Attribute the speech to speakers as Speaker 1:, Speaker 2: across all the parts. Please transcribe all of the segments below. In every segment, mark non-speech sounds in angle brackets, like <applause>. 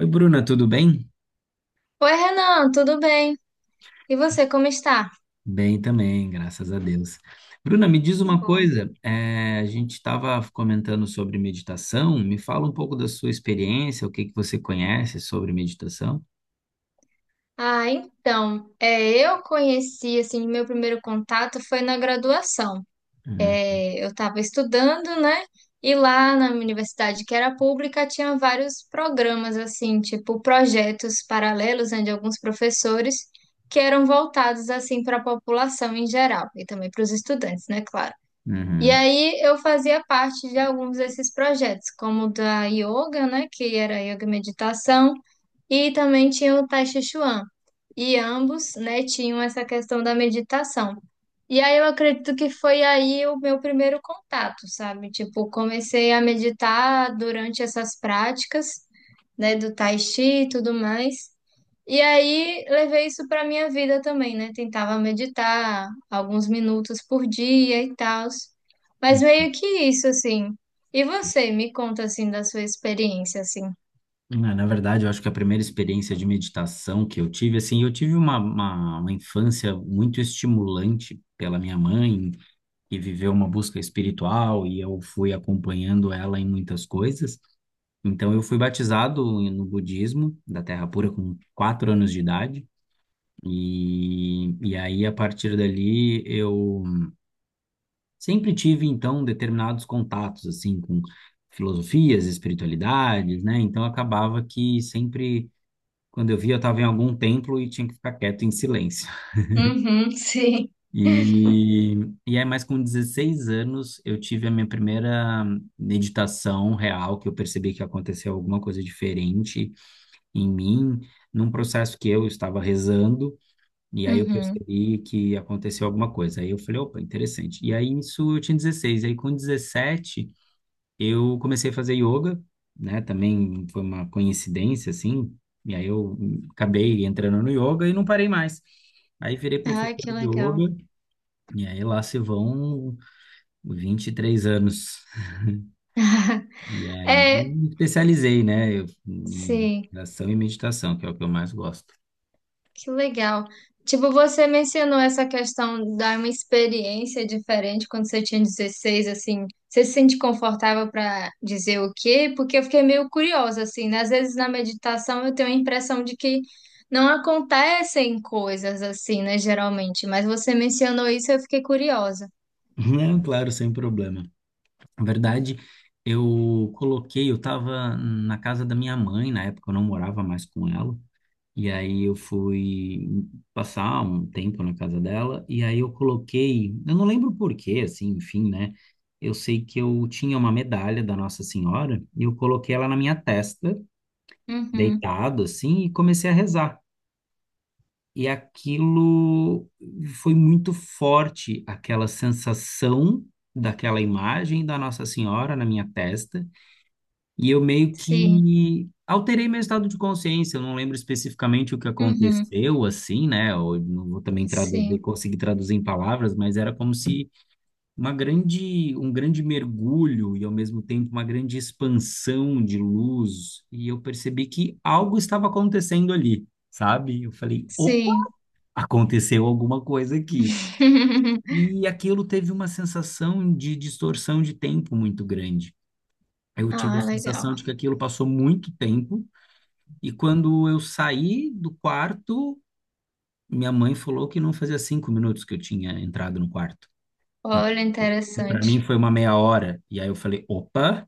Speaker 1: Oi, Bruna, tudo bem?
Speaker 2: Oi, Renan, tudo bem? E você, como está?
Speaker 1: Bem também, graças a Deus. Bruna, me diz
Speaker 2: Que
Speaker 1: uma
Speaker 2: bom.
Speaker 1: coisa, a gente estava comentando sobre meditação, me fala um pouco da sua experiência, o que que você conhece sobre meditação?
Speaker 2: Ah, então, é, eu conheci, assim, meu primeiro contato foi na graduação.
Speaker 1: Uhum.
Speaker 2: É, eu estava estudando, né? E lá na minha universidade, que era pública, tinha vários programas, assim, tipo projetos paralelos, né, de alguns professores, que eram voltados, assim, para a população em geral, e também para os estudantes, né, claro. E
Speaker 1: Uhum.
Speaker 2: aí eu fazia parte de alguns desses projetos, como o da yoga, né, que era yoga e meditação, e também tinha o Tai Chi Chuan. E ambos, né, tinham essa questão da meditação. E aí eu acredito que foi aí o meu primeiro contato, sabe? Tipo, comecei a meditar durante essas práticas, né, do Tai Chi e tudo mais. E aí levei isso para minha vida também, né? Tentava meditar alguns minutos por dia e tal. Mas
Speaker 1: Hum.
Speaker 2: meio que isso, assim. E você, me conta assim da sua experiência, assim.
Speaker 1: Ah, na verdade, eu acho que a primeira experiência de meditação que eu tive, assim, eu tive uma infância muito estimulante pela minha mãe, que viveu uma busca espiritual e eu fui acompanhando ela em muitas coisas. Então, eu fui batizado no budismo da Terra Pura com 4 anos de idade. E aí, a partir dali, eu sempre tive, então, determinados contatos, assim, com filosofias, espiritualidades, né? Então, acabava que sempre, quando eu via, eu estava em algum templo e tinha que ficar quieto em silêncio.
Speaker 2: Uhum, <laughs> sim.
Speaker 1: E, e aí, mais com 16 anos, eu tive a minha primeira meditação real, que eu percebi que aconteceu alguma coisa diferente em mim, num processo que eu estava rezando, e aí eu
Speaker 2: Uhum.
Speaker 1: percebi que aconteceu alguma coisa. Aí eu falei, opa, interessante. E aí isso eu tinha 16, aí com 17 eu comecei a fazer yoga, né? Também foi uma coincidência, assim, e aí eu acabei entrando no yoga e não parei mais. Aí virei
Speaker 2: Ai,
Speaker 1: professor
Speaker 2: que
Speaker 1: de
Speaker 2: legal.
Speaker 1: yoga, e aí lá se vão 23 anos.
Speaker 2: <laughs>
Speaker 1: E aí
Speaker 2: É,
Speaker 1: me especializei, né, em
Speaker 2: sim.
Speaker 1: relação e meditação, que é o que eu mais gosto.
Speaker 2: Que legal. Tipo, você mencionou essa questão da uma experiência diferente quando você tinha 16 assim. Você se sente confortável para dizer o quê? Porque eu fiquei meio curiosa, assim, né? Às vezes na meditação eu tenho a impressão de que não acontecem coisas assim, né? Geralmente. Mas você mencionou isso e eu fiquei curiosa.
Speaker 1: Não, claro, sem problema. Na verdade, eu coloquei, eu estava na casa da minha mãe, na época eu não morava mais com ela, e aí eu fui passar um tempo na casa dela, e aí eu coloquei, eu não lembro por quê, assim, enfim, né? Eu sei que eu tinha uma medalha da Nossa Senhora, e eu coloquei ela na minha testa,
Speaker 2: Uhum.
Speaker 1: deitado, assim, e comecei a rezar. E aquilo foi muito forte, aquela sensação daquela imagem da Nossa Senhora na minha testa. E eu meio
Speaker 2: Sim.
Speaker 1: que alterei meu estado de consciência. Eu não lembro especificamente o que
Speaker 2: Uhum.
Speaker 1: aconteceu, assim, né? Eu não vou também traduzir,
Speaker 2: Sim.
Speaker 1: conseguir traduzir em palavras, mas era como se uma grande, um grande mergulho e ao mesmo tempo uma grande expansão de luz. E eu percebi que algo estava acontecendo ali. Sabe? Eu falei, opa,
Speaker 2: Sim.
Speaker 1: aconteceu alguma coisa aqui.
Speaker 2: <laughs>
Speaker 1: E aquilo teve uma sensação de distorção de tempo muito grande. Eu tive a
Speaker 2: Ah, legal.
Speaker 1: sensação de que aquilo passou muito tempo, e quando eu saí do quarto, minha mãe falou que não fazia 5 minutos que eu tinha entrado no quarto. E,
Speaker 2: Olha,
Speaker 1: e para mim
Speaker 2: interessante.
Speaker 1: foi uma meia hora. E aí eu falei, opa,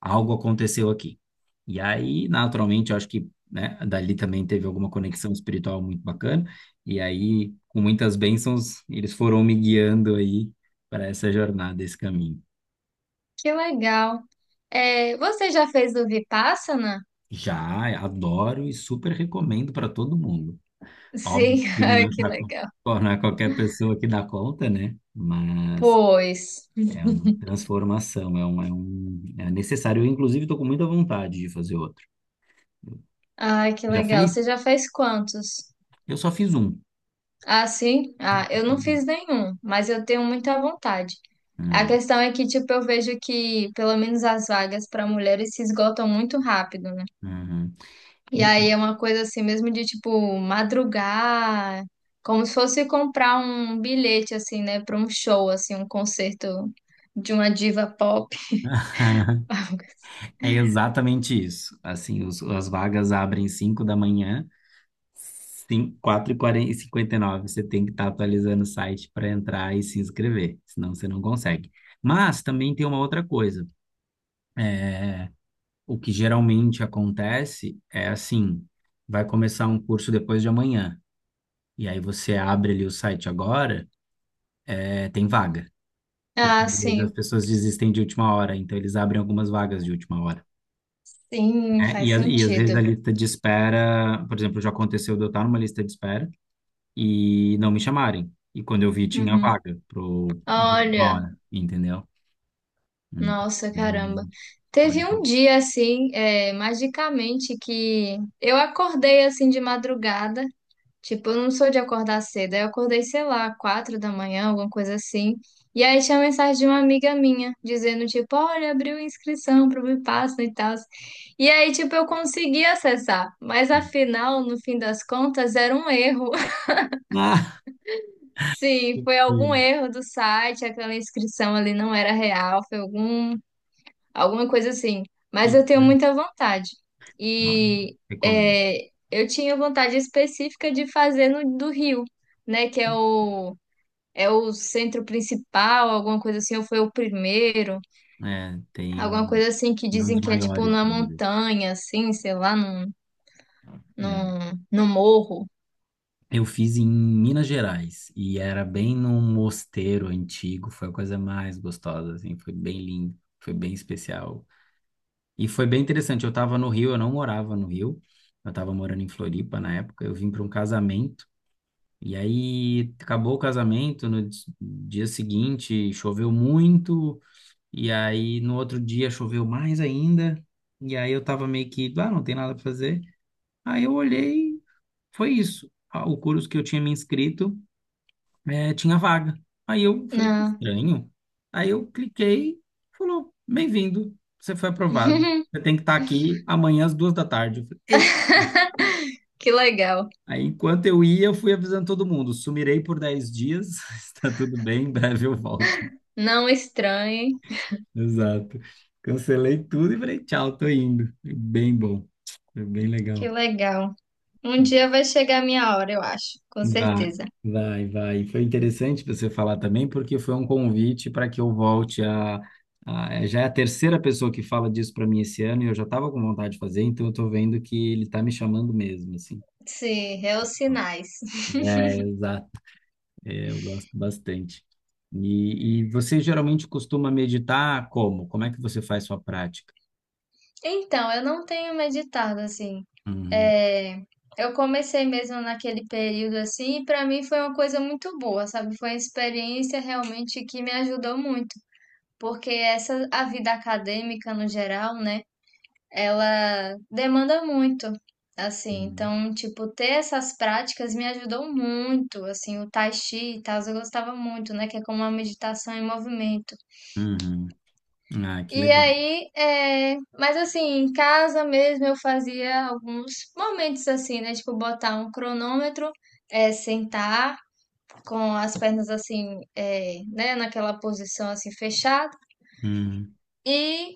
Speaker 1: algo aconteceu aqui. E aí, naturalmente, eu acho que, né, dali também teve alguma conexão espiritual muito bacana. E aí, com muitas bênçãos, eles foram me guiando aí para essa jornada, esse caminho.
Speaker 2: Que legal. É, você já fez o Vipassana?
Speaker 1: Já adoro e super recomendo para todo mundo. Óbvio
Speaker 2: Sim, <laughs>
Speaker 1: que
Speaker 2: ai,
Speaker 1: não é
Speaker 2: que legal.
Speaker 1: para não é qualquer pessoa que dá conta, né? Mas
Speaker 2: Pois.
Speaker 1: é uma transformação, é necessário. Eu, inclusive, estou com muita vontade de fazer outro.
Speaker 2: Ai, que
Speaker 1: Já
Speaker 2: legal. Você
Speaker 1: fez?
Speaker 2: já fez quantos?
Speaker 1: Eu só fiz um.
Speaker 2: Ah, sim?
Speaker 1: Fiz
Speaker 2: Ah, eu não fiz
Speaker 1: um.
Speaker 2: nenhum, mas eu tenho muita vontade. A
Speaker 1: Ah,
Speaker 2: questão é que, tipo, eu vejo que, pelo menos as vagas para mulheres se esgotam muito rápido, né?
Speaker 1: uhum.
Speaker 2: E aí é uma coisa assim mesmo de, tipo, madrugar, como se fosse comprar um bilhete, assim, né, para um show, assim, um concerto de uma diva pop.
Speaker 1: <laughs>
Speaker 2: <laughs>
Speaker 1: É exatamente isso. Assim, as vagas abrem 5 da manhã, cinco, quatro e quarenta e cinquenta e nove. Você tem que estar atualizando o site para entrar e se inscrever, senão você não consegue. Mas também tem uma outra coisa. O que geralmente acontece é assim, vai começar um curso depois de amanhã, e aí você abre ali o site agora, é, tem vaga. Porque
Speaker 2: Ah,
Speaker 1: às vezes as
Speaker 2: sim,
Speaker 1: pessoas desistem de última hora, então eles abrem algumas vagas de última hora.
Speaker 2: sim,
Speaker 1: É, e,
Speaker 2: faz
Speaker 1: às vezes a
Speaker 2: sentido.
Speaker 1: lista de espera, por exemplo, já aconteceu de eu estar numa lista de espera e não me chamarem. E quando eu vi, tinha
Speaker 2: Uhum.
Speaker 1: vaga pro de última
Speaker 2: Olha,
Speaker 1: hora, entendeu? Hum,
Speaker 2: nossa,
Speaker 1: às
Speaker 2: caramba.
Speaker 1: vezes pode
Speaker 2: Teve um
Speaker 1: acontecer.
Speaker 2: dia assim, é, magicamente, que eu acordei assim de madrugada. Tipo, eu não sou de acordar cedo. Aí eu acordei, sei lá, 4 da manhã, alguma coisa assim. E aí tinha mensagem de uma amiga minha, dizendo, tipo, olha, abriu inscrição pro Vipassana e tal. E aí, tipo, eu consegui acessar. Mas afinal, no fim das contas, era um erro.
Speaker 1: Ah,
Speaker 2: Sim, foi algum
Speaker 1: que-
Speaker 2: erro do site, aquela inscrição ali não era real, foi algum, alguma coisa assim. Mas eu tenho
Speaker 1: que-
Speaker 2: muita vontade.
Speaker 1: ah,
Speaker 2: E
Speaker 1: recomendo.
Speaker 2: é, eu tinha vontade específica de fazer no do Rio, né? Que é o, é o centro principal, alguma coisa assim, ou foi o primeiro,
Speaker 1: É, tem
Speaker 2: alguma
Speaker 1: um,
Speaker 2: coisa assim que
Speaker 1: tem um dos
Speaker 2: dizem que é tipo
Speaker 1: maiores do
Speaker 2: na
Speaker 1: Brasil.
Speaker 2: montanha, assim, sei lá, num,
Speaker 1: É.
Speaker 2: num, num morro.
Speaker 1: Eu fiz em Minas Gerais e era bem num mosteiro antigo. Foi a coisa mais gostosa, assim. Foi bem lindo, foi bem especial. E foi bem interessante. Eu estava no Rio, eu não morava no Rio. Eu estava morando em Floripa na época. Eu vim para um casamento. E aí acabou o casamento. No dia seguinte choveu muito. E aí no outro dia choveu mais ainda. E aí eu estava meio que, ah, não tem nada para fazer. Aí eu olhei, foi isso. Ah, o curso que eu tinha me inscrito, é, tinha vaga. Aí eu falei, que
Speaker 2: Não.
Speaker 1: estranho. Aí eu cliquei, falou, bem-vindo, você foi aprovado. Você
Speaker 2: <laughs>
Speaker 1: tem que estar aqui amanhã às 14h. Eu falei, eita.
Speaker 2: Que legal.
Speaker 1: Aí, enquanto eu ia, eu fui avisando todo mundo, sumirei por 10 dias, <laughs> está tudo bem, em breve eu volto.
Speaker 2: Não estranhe.
Speaker 1: Exato. Cancelei tudo e falei, tchau, tô indo. Foi bem bom, foi bem
Speaker 2: Que
Speaker 1: legal.
Speaker 2: legal. Um dia vai chegar a minha hora, eu acho, com
Speaker 1: Vai,
Speaker 2: certeza.
Speaker 1: vai, vai. Foi interessante você falar também, porque foi um convite para que eu volte Já é a terceira pessoa que fala disso para mim esse ano e eu já estava com vontade de fazer, então eu estou vendo que ele está me chamando mesmo, assim.
Speaker 2: Sim, é os sinais.
Speaker 1: É, exato. É, eu gosto bastante. E você geralmente costuma meditar como? Como é que você faz sua prática?
Speaker 2: Então, eu não tenho meditado assim.
Speaker 1: Uhum,
Speaker 2: É, eu comecei mesmo naquele período assim, e para mim foi uma coisa muito boa, sabe? Foi uma experiência realmente que me ajudou muito, porque essa a vida acadêmica no geral, né? Ela demanda muito, assim.
Speaker 1: uhum,
Speaker 2: Então, tipo, ter essas práticas me ajudou muito, assim, o tai chi e tal, eu gostava muito, né, que é como uma meditação em movimento.
Speaker 1: uhum. Ah, que
Speaker 2: E
Speaker 1: legal.
Speaker 2: aí, é... mas assim, em casa mesmo eu fazia alguns momentos assim, né, tipo, botar um cronômetro, é, sentar com as pernas assim, é, né, naquela posição assim fechada
Speaker 1: Uhum,
Speaker 2: e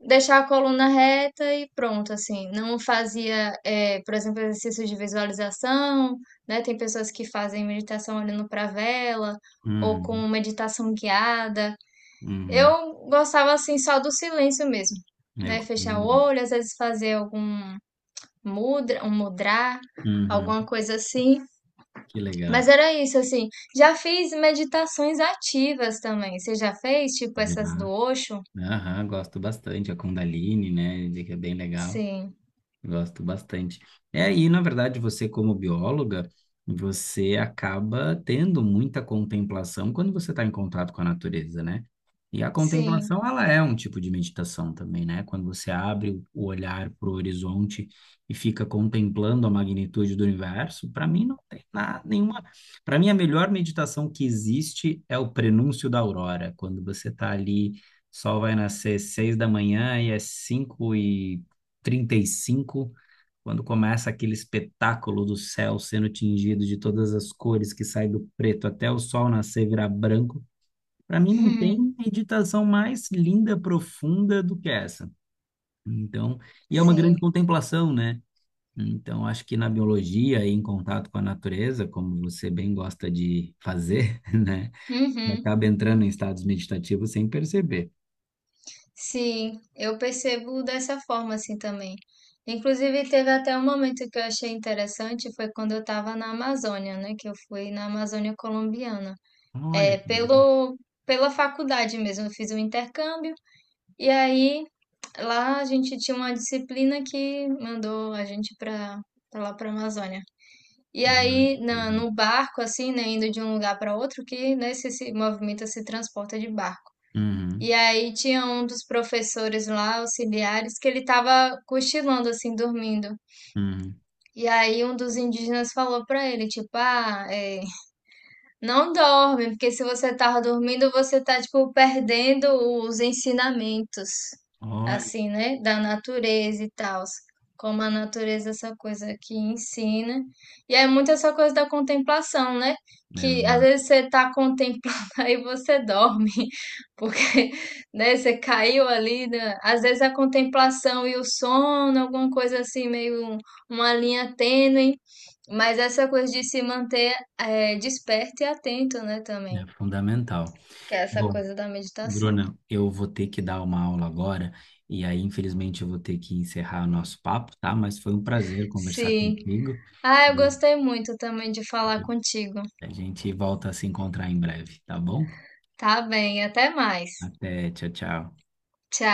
Speaker 2: deixar a coluna reta e pronto, assim. Não fazia, por exemplo, exercícios de visualização, né? Tem pessoas que fazem meditação olhando para a vela ou com
Speaker 1: uhum,
Speaker 2: meditação guiada.
Speaker 1: uhum.
Speaker 2: Eu gostava assim só do silêncio mesmo, né?
Speaker 1: Eu também
Speaker 2: Fechar o
Speaker 1: gosto.
Speaker 2: olho, às vezes fazer algum mudra, um mudra,
Speaker 1: Uhum,
Speaker 2: alguma coisa assim.
Speaker 1: que
Speaker 2: Mas
Speaker 1: legal.
Speaker 2: era isso assim. Já fiz meditações ativas também. Você já fez, tipo essas do
Speaker 1: Já.
Speaker 2: Osho?
Speaker 1: Aham, gosto bastante. A Kundalini, né? De que é bem legal.
Speaker 2: Sim,
Speaker 1: Gosto bastante. É, e na verdade, você como bióloga, você acaba tendo muita contemplação quando você está em contato com a natureza, né? E a
Speaker 2: sim.
Speaker 1: contemplação, ela é um tipo de meditação também, né? Quando você abre o olhar para o horizonte e fica contemplando a magnitude do universo, para mim não tem nada, nenhuma. Para mim, a melhor meditação que existe é o prenúncio da aurora, quando você está ali, sol vai nascer 6 da manhã e é 5h35 quando começa aquele espetáculo do céu sendo tingido de todas as cores que sai do preto até o sol nascer e virar branco. Para mim não tem
Speaker 2: <laughs>
Speaker 1: meditação mais linda, profunda do que essa. Então, e é uma grande
Speaker 2: Sim.
Speaker 1: contemplação, né? Então, acho que na biologia e em contato com a natureza, como você bem gosta de fazer, <laughs> né?
Speaker 2: Uhum.
Speaker 1: Acaba entrando em estados meditativos sem perceber.
Speaker 2: Sim, eu percebo dessa forma assim também. Inclusive, teve até um momento que eu achei interessante, foi quando eu estava na Amazônia, né? Que eu fui na Amazônia colombiana.
Speaker 1: Olha,
Speaker 2: É,
Speaker 1: que legal.
Speaker 2: pelo, pela faculdade mesmo, eu fiz um intercâmbio e aí lá a gente tinha uma disciplina que mandou a gente para lá para Amazônia. E
Speaker 1: Uhum,
Speaker 2: aí, na,
Speaker 1: legal.
Speaker 2: no barco, assim, né, indo de um lugar para outro, que né, se movimenta, se transporta de barco.
Speaker 1: Uhum,
Speaker 2: E aí tinha um dos professores lá, auxiliares, que ele tava cochilando assim, dormindo.
Speaker 1: uhum.
Speaker 2: E aí um dos indígenas falou pra ele, tipo, ah, é, não dorme, porque se você tava dormindo, você tá, tipo, perdendo os ensinamentos, assim, né? Da natureza e tal. Como a natureza, é essa coisa que ensina. E é muito essa coisa da contemplação, né? Que às
Speaker 1: Olha,
Speaker 2: vezes você tá contemplando <laughs> aí você dorme, <laughs> porque, né, você caiu ali, né? Às vezes a contemplação e o sono, alguma coisa assim, meio um- uma linha tênue. Mas essa coisa de se manter é, desperto e atento, né, também.
Speaker 1: é fundamental.
Speaker 2: Que é essa
Speaker 1: Bom,
Speaker 2: coisa da meditação.
Speaker 1: Bruna, eu vou ter que dar uma aula agora e aí, infelizmente, eu vou ter que encerrar o nosso papo, tá? Mas foi um prazer conversar
Speaker 2: Sim.
Speaker 1: contigo
Speaker 2: Ah, eu
Speaker 1: e
Speaker 2: gostei muito também de falar contigo.
Speaker 1: a gente volta a se encontrar em breve, tá bom?
Speaker 2: Tá bem, até mais.
Speaker 1: Até, tchau, tchau.
Speaker 2: Tchau.